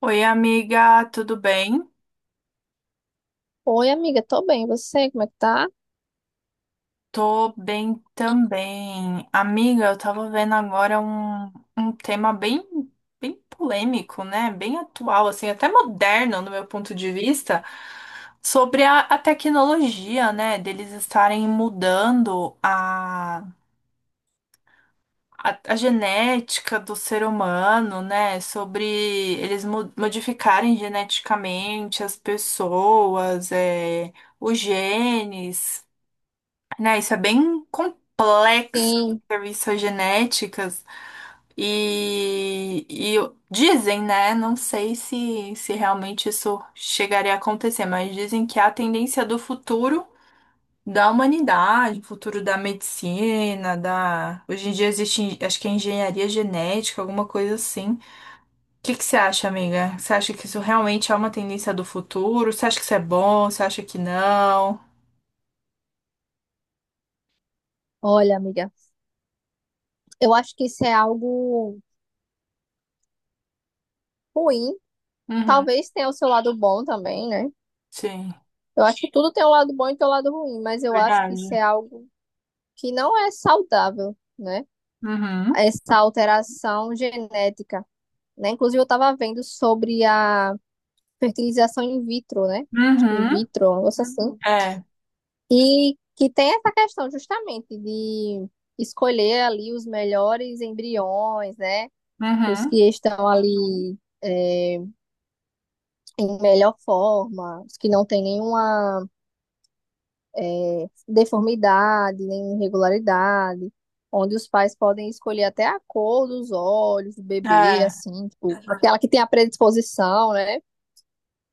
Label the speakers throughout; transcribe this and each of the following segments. Speaker 1: Oi, amiga, tudo bem?
Speaker 2: Oi, amiga, tô bem. E você, como é que tá?
Speaker 1: Tô bem também. Amiga, eu tava vendo agora um tema bem, bem polêmico, né? Bem atual, assim, até moderno no meu ponto de vista, sobre a tecnologia, né? Deles estarem mudando a genética do ser humano, né? Sobre eles modificarem geneticamente as pessoas, os genes. Né? Isso é bem complexo,
Speaker 2: Sim.
Speaker 1: serviços genéticas. E dizem, né? Não sei se realmente isso chegaria a acontecer, mas dizem que é a tendência do futuro da humanidade, futuro da medicina. Hoje em dia existe, acho que é engenharia genética, alguma coisa assim. O que que você acha, amiga? Você acha que isso realmente é uma tendência do futuro? Você acha que isso é bom? Você acha que não?
Speaker 2: Olha, amiga, eu acho que isso é algo ruim.
Speaker 1: Uhum,
Speaker 2: Talvez tenha o seu lado bom também, né?
Speaker 1: sim,
Speaker 2: Eu acho que tudo tem um lado bom e tem um lado ruim, mas eu acho que isso
Speaker 1: verdade.
Speaker 2: é algo que não é saudável, né?
Speaker 1: Uhum.
Speaker 2: Essa alteração genética, né? Inclusive, eu tava vendo sobre a fertilização in vitro, né? Acho que in
Speaker 1: Uhum,
Speaker 2: vitro, um negócio assim. Uhum.
Speaker 1: é,
Speaker 2: E que tem essa questão justamente de escolher ali os melhores embriões, né? Os
Speaker 1: uhum,
Speaker 2: que estão ali é, em melhor forma, os que não têm nenhuma deformidade, nem irregularidade, onde os pais podem escolher até a cor dos olhos do bebê,
Speaker 1: é,
Speaker 2: assim, tipo, aquela que tem a predisposição, né?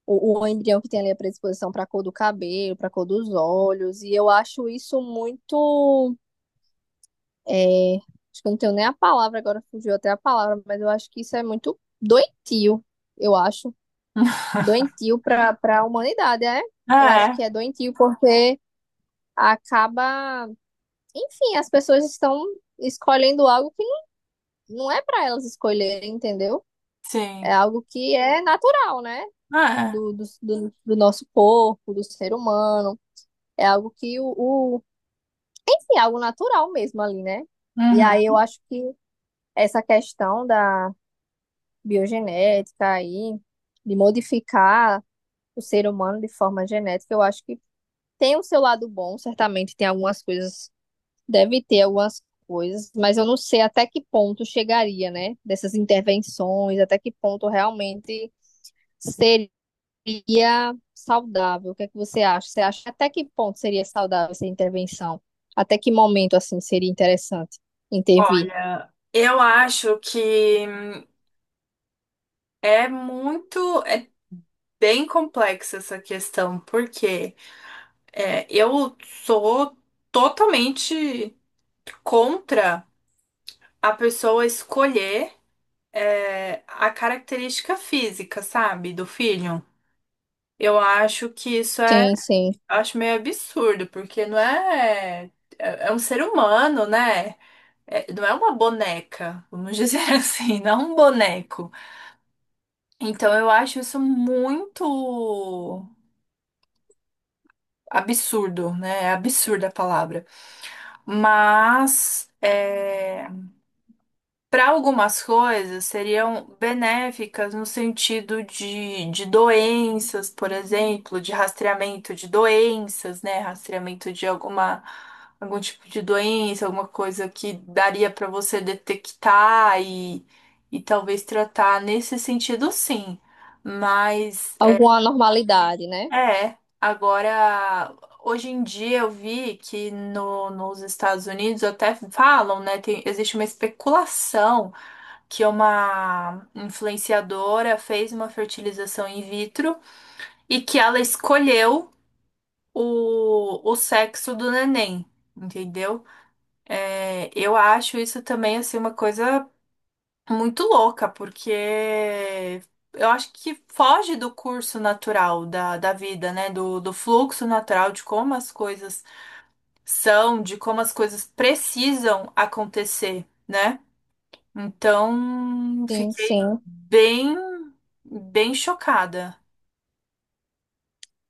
Speaker 2: O embrião que tem ali a predisposição para a cor do cabelo, para a cor dos olhos, e eu acho isso muito. Acho que eu não tenho nem a palavra agora, fugiu até a palavra, mas eu acho que isso é muito doentio, eu acho. Doentio para a humanidade, é? Eu acho
Speaker 1: é,
Speaker 2: que é doentio porque acaba, enfim, as pessoas estão escolhendo algo que não é para elas escolherem, entendeu?
Speaker 1: sim,
Speaker 2: É algo que é natural, né?
Speaker 1: é,
Speaker 2: Do nosso corpo, do ser humano. É algo que enfim, é algo natural mesmo ali, né? E aí eu
Speaker 1: uhum.
Speaker 2: acho que essa questão da biogenética aí, de modificar o ser humano de forma genética, eu acho que tem o seu lado bom, certamente tem algumas coisas, deve ter algumas coisas, mas eu não sei até que ponto chegaria, né? Dessas intervenções, até que ponto realmente seria saudável. O que é que você acha? Você acha até que ponto seria saudável essa intervenção? Até que momento, assim, seria interessante intervir?
Speaker 1: Olha, eu acho que é bem complexa essa questão, porque eu sou totalmente contra a pessoa escolher a característica física, sabe, do filho. Eu acho que isso é
Speaker 2: Sim, sim.
Speaker 1: Eu acho meio absurdo, porque não é. É um ser humano, né? Não é uma boneca, vamos dizer assim, não é um boneco. Então eu acho isso muito absurdo, né? É absurda a palavra. Mas, para algumas coisas seriam benéficas no sentido de doenças, por exemplo, de rastreamento de doenças, né? Rastreamento de alguma, algum tipo de doença, alguma coisa que daria para você detectar e talvez tratar nesse sentido, sim. Mas
Speaker 2: Alguma normalidade, né?
Speaker 1: agora, hoje em dia eu vi que no, nos Estados Unidos até falam, né? Existe uma especulação que é uma influenciadora fez uma fertilização in vitro e que ela escolheu o sexo do neném, entendeu? É, eu acho isso também assim uma coisa muito louca, porque eu acho que foge do curso natural da vida, né? Do fluxo natural de como as coisas são, de como as coisas precisam acontecer. Né? Então,
Speaker 2: Sim,
Speaker 1: fiquei
Speaker 2: sim.
Speaker 1: bem, bem chocada.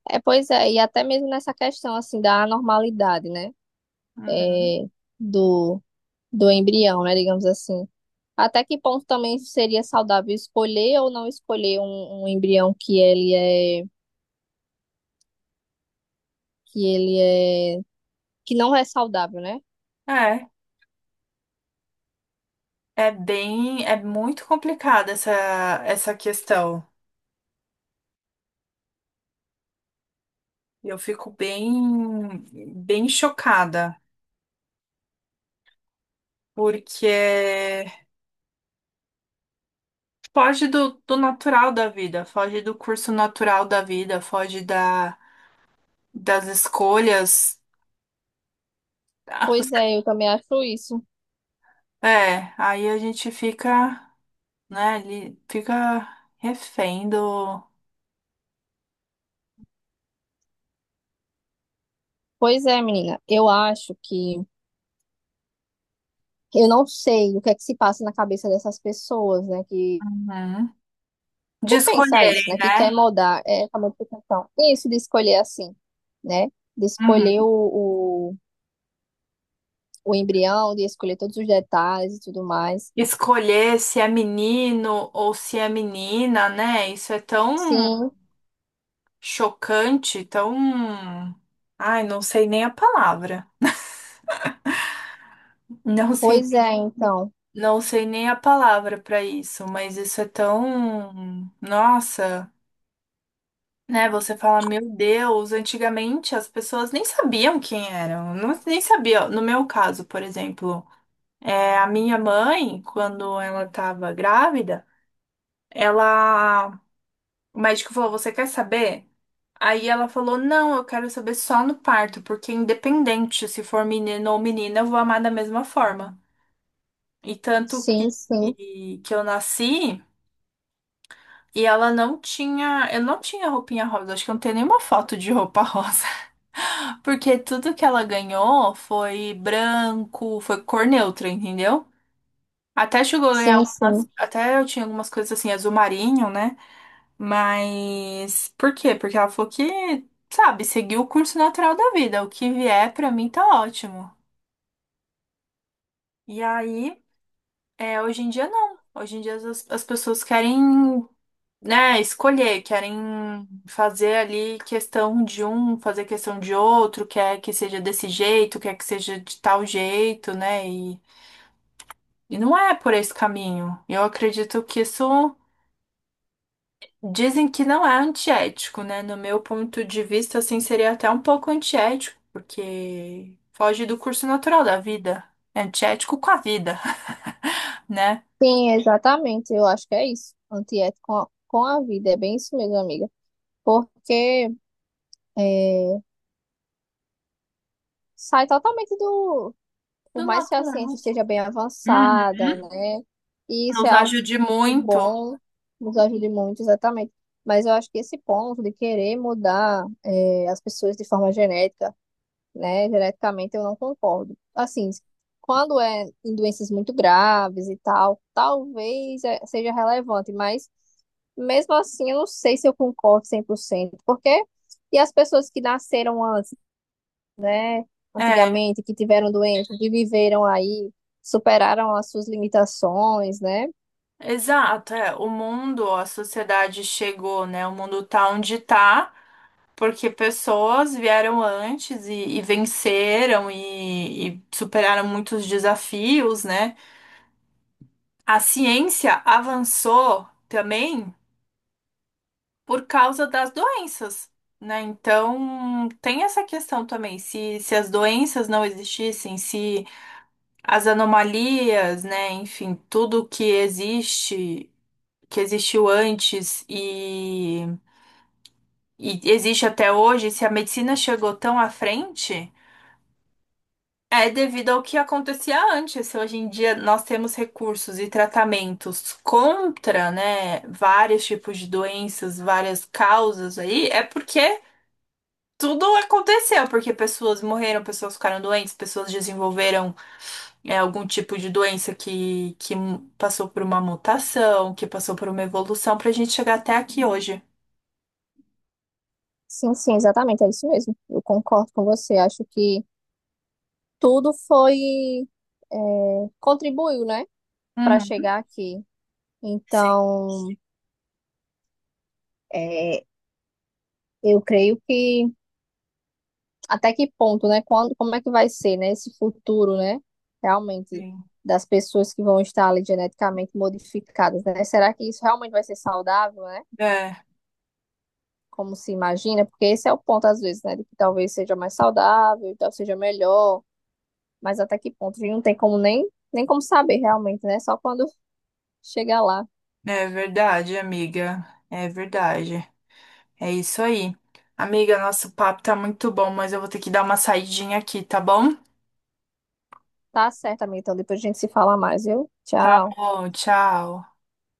Speaker 2: É, pois é, e até mesmo nessa questão, assim, da anormalidade, né?
Speaker 1: Uhum.
Speaker 2: É, do embrião, né, digamos assim. Até que ponto também seria saudável escolher ou não escolher um embrião que ele é que não é saudável, né?
Speaker 1: É, é muito complicada essa questão. Eu fico bem, bem chocada, porque foge do natural da vida, foge do curso natural da vida, foge das escolhas.
Speaker 2: Pois é, eu também acho isso.
Speaker 1: É, aí a gente fica, né, ali, fica refém do.
Speaker 2: Pois é, menina, eu acho que eu não sei o que é que se passa na cabeça dessas pessoas, né,
Speaker 1: Uhum. De
Speaker 2: que pensa isso,
Speaker 1: escolherem,
Speaker 2: né, que
Speaker 1: né?
Speaker 2: quer mudar é a modificação. Isso de escolher assim, né? De escolher
Speaker 1: Uhum.
Speaker 2: o embrião, de escolher todos os detalhes e tudo mais.
Speaker 1: Escolher se é menino ou se é menina, né? Isso é tão
Speaker 2: Sim.
Speaker 1: chocante, tão. Ai, não sei nem a palavra. Não sei,
Speaker 2: Pois é, então.
Speaker 1: não sei nem a palavra para isso, mas isso é tão. Nossa, né? Você fala, meu Deus, antigamente as pessoas nem sabiam quem eram, não, nem sabiam. No meu caso, por exemplo, a minha mãe, quando ela estava grávida, ela o médico falou: você quer saber? Aí ela falou: não, eu quero saber só no parto, porque independente se for menino ou menina, eu vou amar da mesma forma. E tanto que,
Speaker 2: Sim, sim,
Speaker 1: que eu nasci. E ela não tinha, eu não tinha roupinha rosa, acho que eu não tenho nenhuma foto de roupa rosa, porque tudo que ela ganhou foi branco, foi cor neutra, entendeu? Até chegou a ganhar
Speaker 2: sim,
Speaker 1: algumas,
Speaker 2: sim.
Speaker 1: até eu tinha algumas coisas assim, azul marinho, né? Mas por quê? Porque ela falou que, sabe, seguiu o curso natural da vida. O que vier pra mim tá ótimo. E aí, hoje em dia não. Hoje em dia as pessoas querem, né, escolher, querem fazer ali questão de um, fazer questão de outro, quer que seja desse jeito, quer que seja de tal jeito, né? E não é por esse caminho. Eu acredito que isso. Dizem que não é antiético, né? No meu ponto de vista, assim, seria até um pouco antiético, porque foge do curso natural da vida. É antiético com a vida, né?
Speaker 2: Sim, exatamente. Eu acho que é isso. Antiético com a vida. É bem isso mesmo, amiga. Porque é, sai totalmente do.
Speaker 1: Do
Speaker 2: Por mais que a ciência
Speaker 1: natural.
Speaker 2: esteja bem
Speaker 1: Uhum.
Speaker 2: avançada, né? E isso é
Speaker 1: Nos
Speaker 2: algo
Speaker 1: ajude muito.
Speaker 2: bom, nos ajude muito, exatamente. Mas eu acho que esse ponto de querer mudar as pessoas de forma genética. Né? Geneticamente eu não concordo. Assim, quando é em doenças muito graves e tal, talvez seja relevante, mas mesmo assim eu não sei se eu concordo 100% porque e as pessoas que nasceram antes,
Speaker 1: É,
Speaker 2: antigamente, que tiveram doença, que viveram aí, superaram as suas limitações, né?
Speaker 1: exato. É. O mundo, a sociedade chegou, né? O mundo tá onde tá, porque pessoas vieram antes e venceram e superaram muitos desafios, né? A ciência avançou também por causa das doenças, né? Então, tem essa questão também, se as doenças não existissem, se as anomalias, né, enfim, tudo que existe, que existiu antes e existe até hoje, se a medicina chegou tão à frente, é devido ao que acontecia antes. Se Hoje em dia nós temos recursos e tratamentos contra, né, vários tipos de doenças, várias causas aí, é porque tudo aconteceu, porque pessoas morreram, pessoas ficaram doentes, pessoas desenvolveram algum tipo de doença que passou por uma mutação, que passou por uma evolução, pra gente chegar até aqui hoje.
Speaker 2: Sim, sim, exatamente, é isso mesmo. Eu concordo com você. Acho que tudo foi, contribuiu, né, para
Speaker 1: Uhum.
Speaker 2: chegar aqui.
Speaker 1: Sim.
Speaker 2: Então, é, eu creio que até que ponto, né? Quando, como é que vai ser, né? Esse futuro, né? Realmente
Speaker 1: Sim.
Speaker 2: das pessoas que vão estar ali geneticamente modificadas, né? Será que isso realmente vai ser saudável, né?
Speaker 1: É,
Speaker 2: Como se imagina? Porque esse é o ponto às vezes, né? De que talvez seja mais saudável, talvez seja melhor, mas até que ponto? A gente não tem como nem como saber realmente, né? Só quando chegar lá.
Speaker 1: é verdade, amiga. É verdade. É isso aí. Amiga, nosso papo tá muito bom, mas eu vou ter que dar uma saidinha aqui, tá bom?
Speaker 2: Tá certo, amiga. Então depois a gente se fala mais, viu?
Speaker 1: Tá
Speaker 2: Tchau.
Speaker 1: bom, tchau.